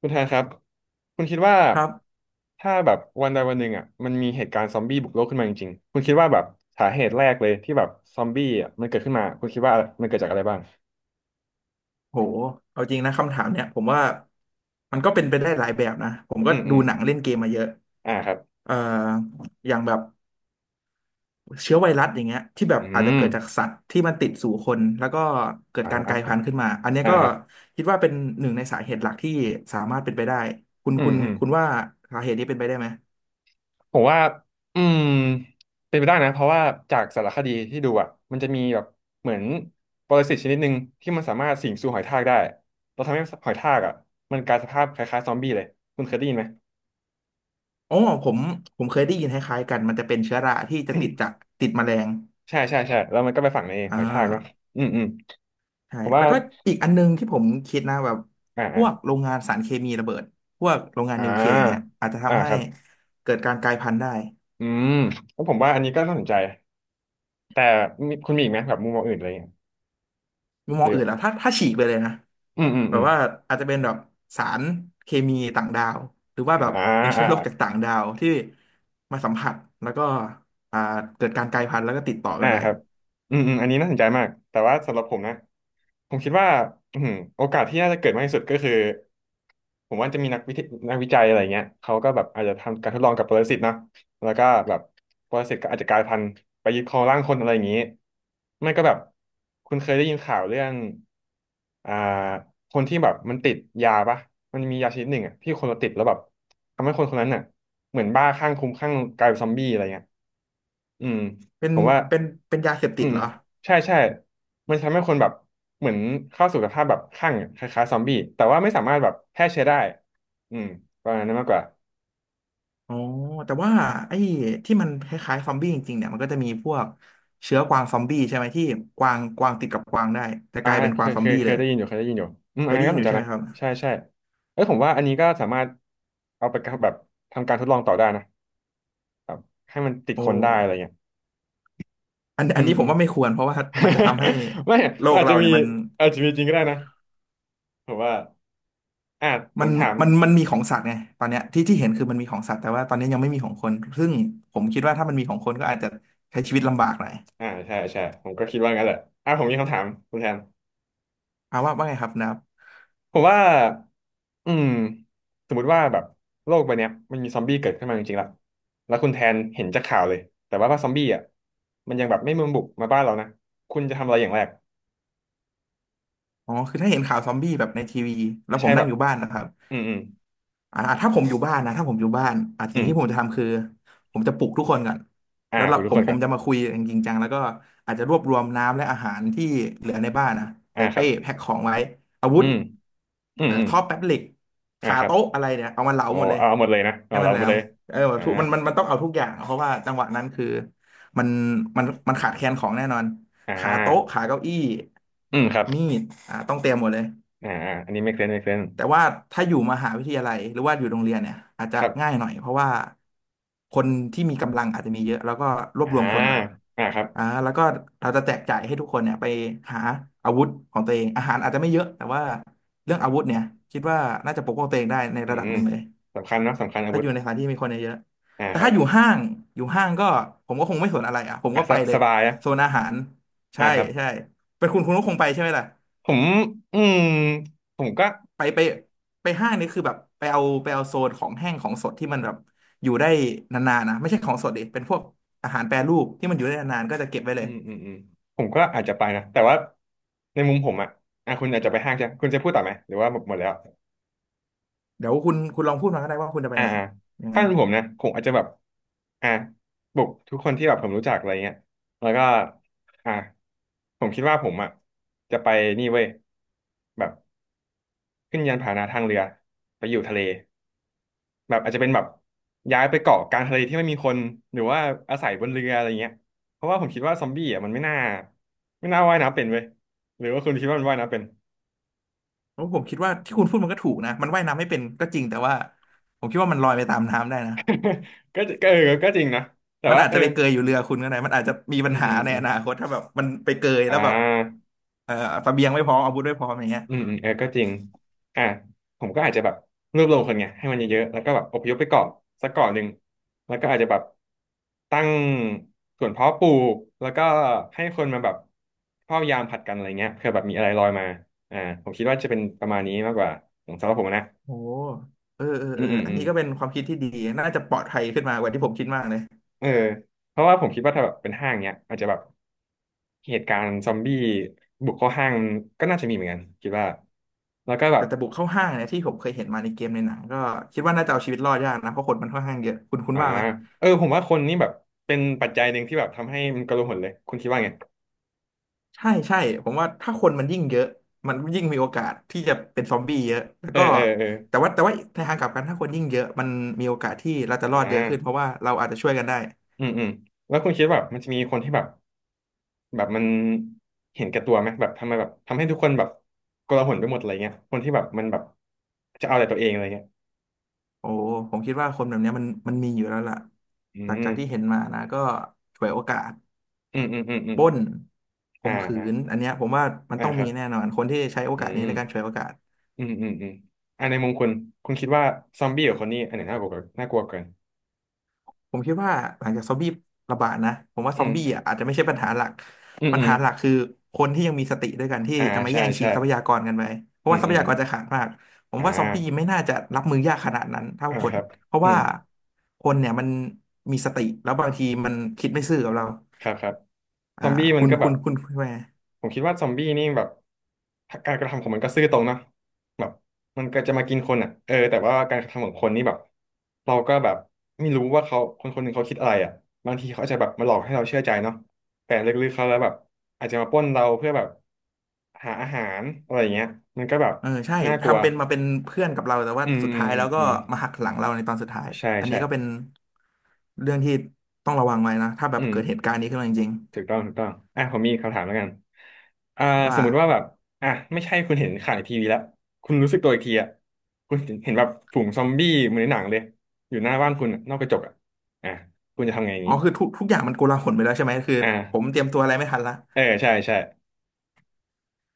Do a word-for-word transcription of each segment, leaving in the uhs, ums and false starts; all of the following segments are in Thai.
คุณแทนครับคุณคิดว่าครับถ้าแบบวันใดวันหนึ่งอ่ะมันมีเหตุการณ์ซอมบี้บุกโลกขึ้นมาจริงๆคุณคิดว่าแบบสาเหตุแรกเลยที่แบบซอมบี้อ่ะมันเกิดขึ้นมาคุณคิดว่ามันเกิดจากอะไรบ้างโหเอาจริงนะคำถามเนี่ยผมว่า มันก็เป็นไปได้หลายแบบนะผมก็อืมอืดูมหนังเล่นเกมมาเยอะอ่าครับเอ่ออย่างแบบเชื้อไวรัสอย่างเงี้ยที่แบบอือาจจะมเกิดจากสัตว์ที่มันติดสู่คน แล้วก็เกิดการกลายอ่าพันธุ์ขึ้นมา อันเนี้ยอ่าก็ครับคิดว่าเป็นหนึ่งในสาเหตุหลักที่สามารถเป็นไปได้คุณอืคุมณอืมคุณว่าสาเหตุนี้เป็นไปได้ไหมผมว่าอืมเป็นไปได้นะเพราะว่าจากสารคดีที่ดูอ่ะมันจะมีแบบเหมือนปรสิตชนิดหนึ่งที่มันสามารถสิงสู่หอยทากได้เราทำให้หอยทากอ่ะมันกลายสภาพคล้ายๆซอมบี้เลยคุณเคยได้ยินไหม อ๋อผมผมเคยได้ยินคล้ายๆกันมันจะเป็นเชื้อราที่จะติด จากติดแมลงใช่ใช่ใช่แล้วมันก็ไปฝังในหอ่า อยทากเนาะอืมอืมใช่ผมว่าแล้วก็อีกอันนึงที่ผมคิดนะแบบอ่าพอ่าวกโรงงานสารเคมีระเบิดพวกโรงงานอ่นิวเคลียร์อย่างเงี้ยาอาจจะอ่าทำให้ครับเกิดการกลายพันธุ์ได้อืมแล้วผมว่าอันนี้ก็น่าสนใจแต่มีคุณมีอีกไหมแบบมุมมองอื่นอะไรอย่างเงี้ยมุมมหอรืงออื่นแล้วถ้าถ้าฉีกไปเลยนะอืมอืมแบอืบมว่าอาจจะเป็นแบบสารเคมีต่างดาวหรือว่าอ่าแบบเป็นเชื้อโรคจาอ่า กต่างดาวที่มาสัมผัสแล้วก็อ่าเกิดการกลายพันธุ์แล้วก็ติดต่ออ่ากันไปครับอืมอืมอันนี้น่าสนใจมากแต่ว่าสำหรับผมนะผมคิดว่าอืมโอกาสที่น่าจะเกิดมากที่สุดก็คือผมว่าจะมีนักวิทยนักวิจัยอะไรเงี้ยเขาก็แบบอาจจะทำการทดลองกับปรสิตเนาะแล้วก็แบบปรสิตก็อาจจะกลายพันธุ์ไปยึดครองร่างคนอะไรอย่างนี้ไม่ก็แบบคุณเคยได้ยินข่าวเรื่องอ่าคนที่แบบมันติดยาปะมันมียาชนิดหนึ่งอ่ะที่คนเราติดแล้วแบบทำให้คนคนนั้นน่ะเหมือนบ้าข้างคุ้มข้างกลายเป็นซอมบี้อะไรเงี้ยอืมเป็นผมว่า เป็นเป็นยาเสพติอืดมเหรอ ใช่ใช่มันทำให้คนแบบเหมือนเข้าสู่สภาพแบบคลั่งคล้ายๆซอมบี้แต่ว่าไม่สามารถแบบแพร่เชื้อได้อืมประมาณนั้นมากกว่าอ๋อแต่ว่าไอ้ที่มันคล้ายๆซอมบี้จริงๆเนี่ยมันก็จะมีพวกเชื้อกวางซอมบี้ใช่ไหมที่กวางกวางติดกับกวางได้แต่กอ่าลายเป็นกเควางยซอเคมยบี้เคเลยยได้ยินอยู่เคยได้ยินอยู่อืมเคอันยนั้นได้ก็ยินสอนยู่ใจใช่ไหมนะครับใช่ใช่เอ้ยผมว่าอันนี้ก็สามารถเอาไปกับแบบทำการทดลองต่อได้นะแบบให้มันติดโอ้คนได้อะไรเงี้ยอันอือันมนี้ผอืมม ว่าไม่ควรเพราะว่ามันจะทำให้ ไม่โลมันกอาจเราจะมีเนี่ยมันอาจจะมีจริงก็ได้นะผมว่าอ่าผมัมนถามมันมันมีของสัตว์ไงตอนเนี้ยที่ที่เห็นคือมันมีของสัตว์แต่ว่าตอนนี้ยังไม่มีของคนซึ่งผมคิดว่าถ้ามันมีของคนก็อาจจะใช้ชีวิตลำบากหน่อยอ่าใช่ใช่ผมก็คิดว่างั้นแหละอ่าผมมีคำถามคุณแทน เอาว่าว่าไงครับนะครับผมว่าอืมสมมุติว่าแบบโลกใบเนี้ยมันมีซอมบี้เกิดขึ้นมาจริงๆละแล้วคุณแทนเห็นจากข่าวเลยแต่ว่าว่าซอมบี้อ่ะมันยังแบบไม่มาบุกมาบ้านเรานะคุณจะทำอะไรอย่างแรกอ๋อคือถ้าเห็นข่าวซอมบี้แบบในทีวีแล้วผใช่มแบนั่งบอยู่บ้านนะครับ อืมอืมอ่าถ้าผมอยู่บ้านนะถ้าผมอยู่บ้านอ่าสิ่งอืมที่ผมจะทำคือผมจะปลุกทุกคนก่อนอ่าแล้วผเรามทุผกคมนผก่อมนจะมาคุยกันจริงจังแล้วก็อาจจะรวบรวมน้ำและอาหารที่เหลือในบ้านนะอ่าใส่ครัเป้บแพ็คของไว้อาวุอืธมอืมเอ่ออืมท่อแป๊บเหล็กอ่าคาครับโต๊ะอะไรเนี่ยเอามันเหลาโอ้หมดเลยเอาเอาหมดเลยนะให้เอามันเราแหลหมดมเลยเอออ่าทุกมันมันมันต้องเอาทุกอย่างอะเพราะว่าจังหวะนั้นคือมันมันมันขาดแคลนของแน่นอนอ่ขาโต๊ะาขาเก้าอี้อืมครับมีดอ่าต้องเตรียมหมดเลย อ่าอ่าอันนี้ไม่เคลื่อนไม่เคลื่อนแต่ว่าถ้าอยู่มหาวิทยาลัยหรือว่าอยู่โรงเรียนเนี่ยอาจจะครับง่ายหน่อยเพราะว่าคนที่มีกำลังอาจจะมีเยอะแล้วก็รวบอ่ารวมคนก่อนอ่าครับอ่าแล้วก็เราจะแจกจ่ายให้ทุกคนเนี่ยไปหาอาวุธของตัวเองอาหารอาจจะไม่เยอะแต่ว่าเรื่องอาวุธเนี่ยคิดว่าน่าจะปกป้องตัวเองได้ในอืระดับมหนึ่งเลยสำคัญเนอะสำคัญอาถ้าวุอธยู่ในสถานที่มีคนเยอะอ่าๆแต่ครัถ้าบอยู่ห้างอยู่ห้างก็ผมก็คงไม่สนอะไรอ่ะผมอ่ะก็สไปเลสยบายนะโซนอาหารอ่าใช่ครับ ใช่เป็นคุณคุณก็คงไปใช่ไหมล่ะ ผมอืมผมก็ไปไปไปห้างนี่คือแบบไปเอาไปเอาโซนของแห้งของสดที่มันแบบอยู่ได้นานๆนะไม่ใช่ของสดดิเป็นพวกอาหารแปรรูปที่มันอยู่ได้นานๆก็จะเก็บไว้เลอืยมอืมอืมผมก็อาจจะไปนะ แต่ว่าในมุมผมอ่ะอ่ะคุณอาจจะไปห้างใช่ไหมคุณจะพูดต่อไหม หรือว่าหมดหมดแล้วเดี๋ยวคุณคุณลองพูดมาก็ได้ว่าคุณจะไปอ่าไหนอ่ายังไงถ้าเป็นผมนะผมอาจจะแบบอ่ะบุกทุกคนที่แบบผมรู้จักอะไรเงี้ยแล้วก็อ่ะผมคิดว่าผมอ่ะจะไปนี่เว้ยแบบขึ้นยานพาหนะทางเรือไปอยู่ทะเล แบบอาจจะเป็นแบบย้ายไปเกาะกลางทะเลที่ไม่มีคนหรือว่าอาศัยบนเรืออะไรเงี้ยเพราะว่าผมคิดว่าซอมบี้อ่ะมันไม่น่าไม่น่าว่ายน้ำเป็นเว้ยหรือว่าคุณคิดว่ามันว่ายน้ำเป็น เพราะผมคิดว่าที่คุณพูดมันก็ถูกนะมันว่ายน้ำไม่เป็นก็จริงแต่ว่าผมคิดว่ามันลอยไปตามน้ำได้นะ ก็ก็เออก็จริงนะแต่มันว่าอาจเออจะไปเกยอยู่เรือคุณก็ได้มันอาจจะมีปัอืญมหาอืมในอือมนาคตถ้าแบบมันไปเกยอ่แล้วแบบา เอ่อเสบียงไม่พร้อมอาวุธไม่พร้อมอย่างเงี้ยอืมอืมเออก็จริงอ่ะผมก็อาจจะแบบรวบรวมคนไงให้มันเยอะๆแล้วก็แบบอพยพไปเกาะสักเกาะหนึ่งแล้วก็อาจจะแบบตั้งสวนเพาะปลูกแล้วก็ให้คนมาแบบเฝ้ายามผลัดกันอะไรเงี้ยเผื่อแบบมีอะไรลอยมาอ่าผมคิดว่าจะเป็นประมาณนี้มากกว่าของสำหรับผมนะโอ้เออเอออืเอมออืมอันอืมนี้ก็เป็นความคิดที่ดีน่าจะปลอดภัยขึ้นมากว่าที่ผมคิดมากเลย เออเพราะว่าผมคิดว่าถ้าแบบเป็นห้างเนี้ยอาจจะแบบเหตุการณ์ซอมบี้บุกเข้าห้างก็น่าจะมีเหมือนกันคิดว่าแล้วก็แบแต่บ แต่บุกเข้าห้างเนี่ยที่ผมเคยเห็นมาในเกมในหนังก็คิดว่าน่าจะเอาชีวิตรอดยากนะเพราะคนมันค่อนข้างเยอะคุณคุณอ่าว่าไหมเออผมว่าคนนี่แบบเป็นปัจจัยหนึ่งที่แบบทำให้มันกระโลหนเลยคุณคิดว่าไงใช่ใช่ผมว่าถ้าคนมันยิ่งเยอะมันยิ่งมีโอกาสที่จะเป็นซอมบี้เยอะแล้วเออก็เออเออแต่ว่าแต่ว่าในทางกลับกันถ้าคนยิ่งเยอะมันมีโอกาสที่เราจะรอ่อดเยอะขึ้นเพราะาว่าเราอาจจะช่วยกันได้อืมอืมแล้วคุณคิดว่าแบบมันจะมีคนที่แบบแบบมันเห็นแก่ตัวไหมแบบทำไมแบบทำให้ทุกคนแบบโกระหลนไปหมดอะไรเงี้ยคนที่แบบมันแบบจะเอาแต่ตัวเองอะไรเงี้ยโอ้ผมคิดว่าคนแบบเนี้ยมันมันมีอยู่แล้วล่ะอืหลังจามกที่เห็นมานะก็ฉวยโอกาสอืมอืมอืมอืมปล้นข่อ่ามขืฮะนอันเนี้ยผมว่ามันอ่าต้องคมีรับแน่นอนคนที่ใช้โออืกาสนี้ในมการฉวยโอกาส อืมอืมอืมอ่าในมุมคุณคุณคิดว่าซอมบี้กับคนนี้อันไหนน่ากลัวกว่าน่ากลัวกว่ากันผมคิดว่าหลังจากซอมบี้ระบาดนะผมว่าซอือมบี้มอ่ะอาจจะไม่ใช่ปัญหาหลักอืมปัญอืมหาหลักคือคนที่ยังมีสติด้วยกันที่อ่าจะมาใช่แย่งชิใช่งทรัพยากรกันไปเพราะอืว่ามทรัอืพมยากรจะขาดมากผมอ่ว่าซอมบี้ไม่า น่าจะรับมือยากขนาดนั้นเท่าอ่าคคนรับเพราะอืว่ามคนเนี่ยมันมีสติแล้วบางทีมันคิดไม่ซื่อกับเราครับครับซอ่าอมบี้มัคุนณก็แบคุบณคุณคุณแม่ผมคิดว่าซอมบี้นี่แบบการกระทำของมันก็ซื่อตรงเนอะแบบมันก็จะมากินคนอ่ะเออแต่ว่าการกระทำของคนนี่แบบเราก็แบบไม่รู้ว่าเขาคนคนหนึ่งเขาคิดอะไรอ่ะบางทีเขาอาจจะแบบมาหลอกให้เราเชื่อใจเนาะแต่ลึกๆเขาแล้วแบบอาจจะมาปล้นเราเพื่อแบบหาอาหารอะไรอย่างเงี้ยมันก็แบบเออใช่น่ากลัวทำเป็นมาเป็นเพื่อนกับเราแต่ว่าอืมสุดอืมท้ายอืแล้มวก็อืมมาหักหลังเราในตอนสุดท้ายใช่อันนี้ใช่ก็เป็นเรื่องที่ต้องระวังไว้นะถ้าแบอืบม เกิดเหตุการณ์นี้ขึ้นมาจริงถูกต้องถูกต้องอ่ะผมมีคำถามแล้วกันอ่าๆสว่า มมุติว่าแบบอ่ะไม่ใช่คุณเห็นข่าวในทีวีแล้วคุณรู้สึกตัวอีกทีอ่ะคุณเห็นเห็นแบบฝูงซอมบี้เหมือนในหนังเลยอยู่หน้าบ้านคุณอะนอกกระจกอ่ะอ่ะคุณจะทำไงอย่างอ๋องี้คือทุกทุกอย่างมันโกลาหลไปแล้วใช่ไหมคืออผม่าเตรียมตัวอะไรไม่ทันละเออใช่ใช่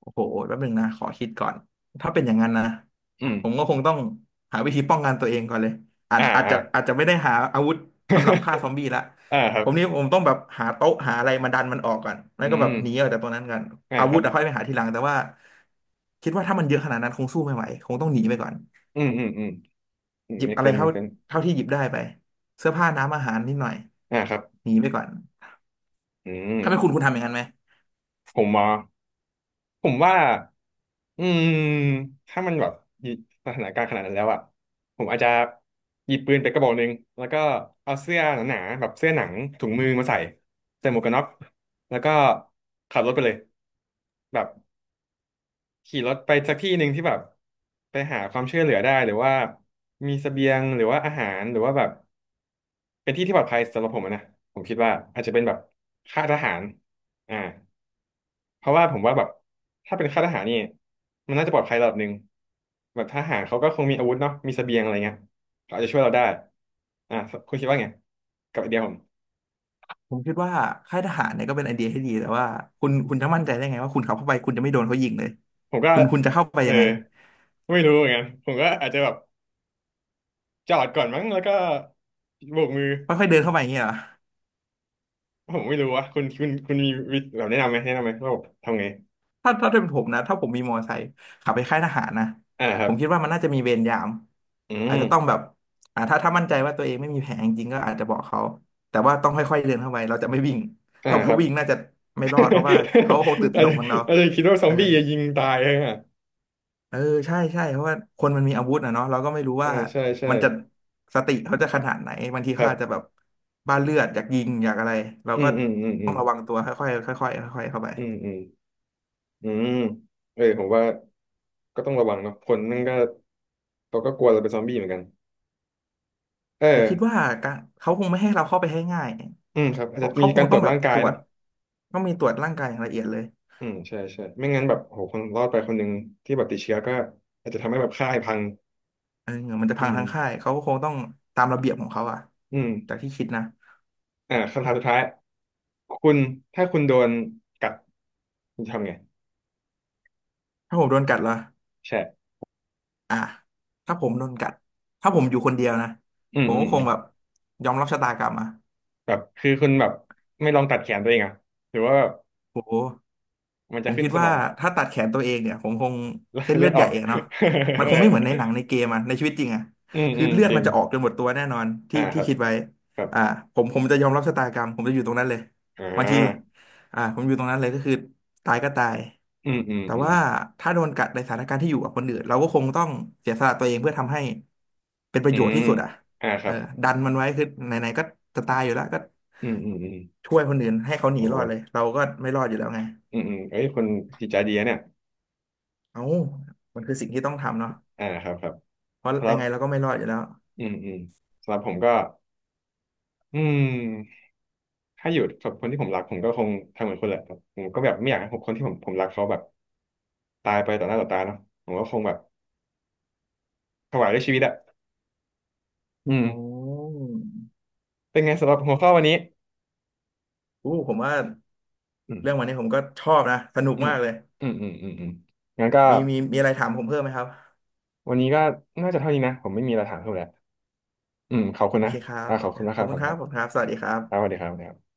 โอ้โหแป๊บหนึ่งนะขอคิดก่อนถ้าเป็นอย่างนั้นนะอืมผมก็คงต้องหาวิธีป้องกันตัวเองก่อนเลยอาจอ่าอาจอ่า จะอาจจะไม่ได้หาอาวุธสำหรับฆ่า ซอมบี้ละอ่าครัผบมนี่ผมต้องแบบหาโต๊ะหาอะไรมาดันมันออกก่อนแล้วอืก็แบบมหนีออกจากตรงนั้นกันอ่าอาควุรัธบอะค่อยไปหาทีหลังแต่ว่าคิดว่าถ้ามันเยอะขนาดนั้นคงสู้ไม่ไหวคงต้องหนีไปก่อนอืมอืมอืมอืม หยิบ make อะไร sense เท่า make sense เท่าที่หยิบได้ไปเสื้อผ้าน้ำอาหารนิดหน่อยอ่าครับหนีไปก่อนอืมถ้าเป็นคุณคุณทำอย่างนั้นไหม ผมหมอ ผมว่าอืมถ้ามันแบบอยู่สถานการณ์ขนาดนั้นแล้วอะผมอาจจะหยิบปืนไปกระบอกหนึ่งแล้วก็เอาเสื้อหนาๆแบบเสื้อหนังถุงมือมาใส่ใส่หมวกกันน็อกแล้วก็ขับรถไปเลยแบบขี่รถไปสักที่หนึ่งที่แบบไปหาความช่วยเหลือได้หรือว่ามีเสบียงหรือว่าอาหารหรือว่าแบบเป็นที่ที่ปลอดภัยสำหรับผมอะนะผมคิดว่าอาจจะเป็นแบบค่ายทหารอ่า เพราะว่าผมว่าแบบถ้าเป็นค่ายทหารนี่มันน่าจะปลอดภัยระดับหนึ่งแบบทหารเขาก็คงมีอาวุธเนาะมีเสบียงอะไรเงี้ยเขาอาจจะช่วยเราได้อ่ะคุณคิดว่าไงกับไอเดียผมผมคิดว่าค่ายทหารเนี่ยก็เป็นไอเดียที่ดีแต่ว่าคุณคุณจะมั่นใจได้ไงว่าคุณขับเข้าไปคุณจะไม่โดนเขายิงเลยผมก็คุณคุณจะเข้าไปเออยังไงไม่รู้เหมือนกันผมก็อาจจะแบบจอดก่อนมั้งแล้วก็โบกมือค่อยๆเดินเข้าไปอย่างเงี้ยเหรอผมไม่รู้วะคุณคุณคุณมีวิธีแบบแนะนำไหมแนะนำไหมว่าผมทำไงถ้าถ้าเป็นผมนะถ้าผมมีมอเตอร์ไซค์ขับไปค่ายทหารนะอ่าคผรับมคิดว่ามันน่าจะมีเวรยามอือาจมจะต้องแบบอ่าถ้าถ้ามั่นใจว่าตัวเองไม่มีแผลจริงๆก็อาจจะบอกเขาแต่ว่าต้องค่อยๆเดินเข้าไปเราจะไม่วิ่งอ่าถ้าคถ้ารับ วิ่งน่าจะไม่รอดเพราะว่าเขาคงตื่น ตอาระหจนกจะเหมือนเราอาจจะคิดว่าซเอออ มบี้จะยิงตายใช่ไหมเออใช่ใช่เพราะว่าคนมันมีอาวุธนะเนาะเราก็ไม่รู้อ่าว่าใช่ใช่มันจะสติเขาจะขนาดไหนบางทีคเขารับอาจจะแบบบ้าเลือดอยากยิงอยากอะไรเราอืก็มอืมอืมอืต้อม งระวังตัวค่อยๆค่อยๆค่อยๆเข้าไปอืมอืมอืมเออผมว่าก็ต้องระวังเนาะคนนั่นก็เขาก็กลัวจะเป็นซอมบี้เหมือนกันเอแต่คิดอว่าการเขาคงไม่ให้เราเข้าไปให้ง่ายอืมครับอาเพจจะราะมีเขาคกางรตต้รอวงจแบบร่างกาตยรวจเนาะต้องมีตรวจร่างกายอย่างละเอียดเลยอืมใช่ใช่ไม่งั้นแบบโหคนรอดไปคนหนึ่งที่แบบติดเชื้อก็อาจจะทำให้แบบค่ายพังเออมันจะอืพังมทั้งค่ายเขาก็คงต้องตามระเบียบของเขาอะอืมจากที่คิดนะอ่าคำถามสุดท้ายคุณถ้าคุณโดนกัดคุณจะทำไงถ้าผมโดนกัดเหรอใช่อ่ะถ้าผมโดนกัดถ้าผมอยู่คนเดียวนะอืมผมอืก็มคอืงมแบบยอมรับชะตากรรมอะ แบบคือคุณแบบไม่ลองตัดแขนตัวเองอะหรือว่าแบบโอ้โหมันผจะมขึ้นคิดสมว่าองถ้าตัดแขนตัวเองเนี่ยผมคงแล้วเส้นเลืเลืออดดอใหอญ่ก อะเนาะมันคงไม่เหมือนในหนังใน เกมอะในชีวิตจริงอะอืมอืคือมเลือดจริมัง นจะออกจนหมดตัวแน่นอนที่อ่าคที่รับคิดไว้ครับอ่าผมผมจะยอมรับชะตากรรมผมจะอยู่ตรงนั้นเลยอ่บางทีาอ่าผมอยู่ตรงนั้นเลยก็คือตายก็ตายอืมอืมแต่อืมว่าถ้าโดนกัดในสถานการณ์ที่อยู่กับคนอื่นเราก็คงต้องเสียสละตัวเองเพื่อทำให้เป็นประอืโยชน์มที่สุดอะอ่าคเอรัอบดันมันไว้คือไหนๆก็จะตายอยู่แล้วก็อืมอืมอืมช่วยคนอื่นให้เขาหนีรอดเลโหยเราก็ไม่รอดอยู่แล้วไง อืมอืมเอ้ยคนจิตใจดีนะเนี่ยเอ้ามันคือสิ่งที่ต้องทำเนาะอ่าครับครับเพราะครัยังบไงเราก็ไม่รอดอยู่แล้วอืมอืมสำหรับผมก็อืมถ้าอยู่กับคนที่ผมรักผมก็คงทำเหมือนคนแหละครับผมก็แบบไม่อยากให้คนที่ผมผมรักเขาแบบตายไปต่อหน้าต่อตาเนาะผมก็คงแบบถวายด้วยชีวิตอะอืมโอ้เป็นไงสำหรับหัวข้อวันนี้อู้ผมว่าอืมเรื่องวันนี้ผมก็ชอบนะ สนุกอืมมากเลย อืมอืมอืมอืมงั้นก็มีมีมีอะไรถามผมเพิ่มไหมครับ วันนี้ก็น่าจะเท่านี้นะผมไม่มีอะไรถามเพิ่มแล้ว อืมขอบคุณโอนะเคครับอ่าโอขอบเคคุณครับนะขคอรับบขคุอณบคุคณรัคบ รับขอบคุณครับ สวัสดีครัครับสวัสบดีครับสวัสดีครับ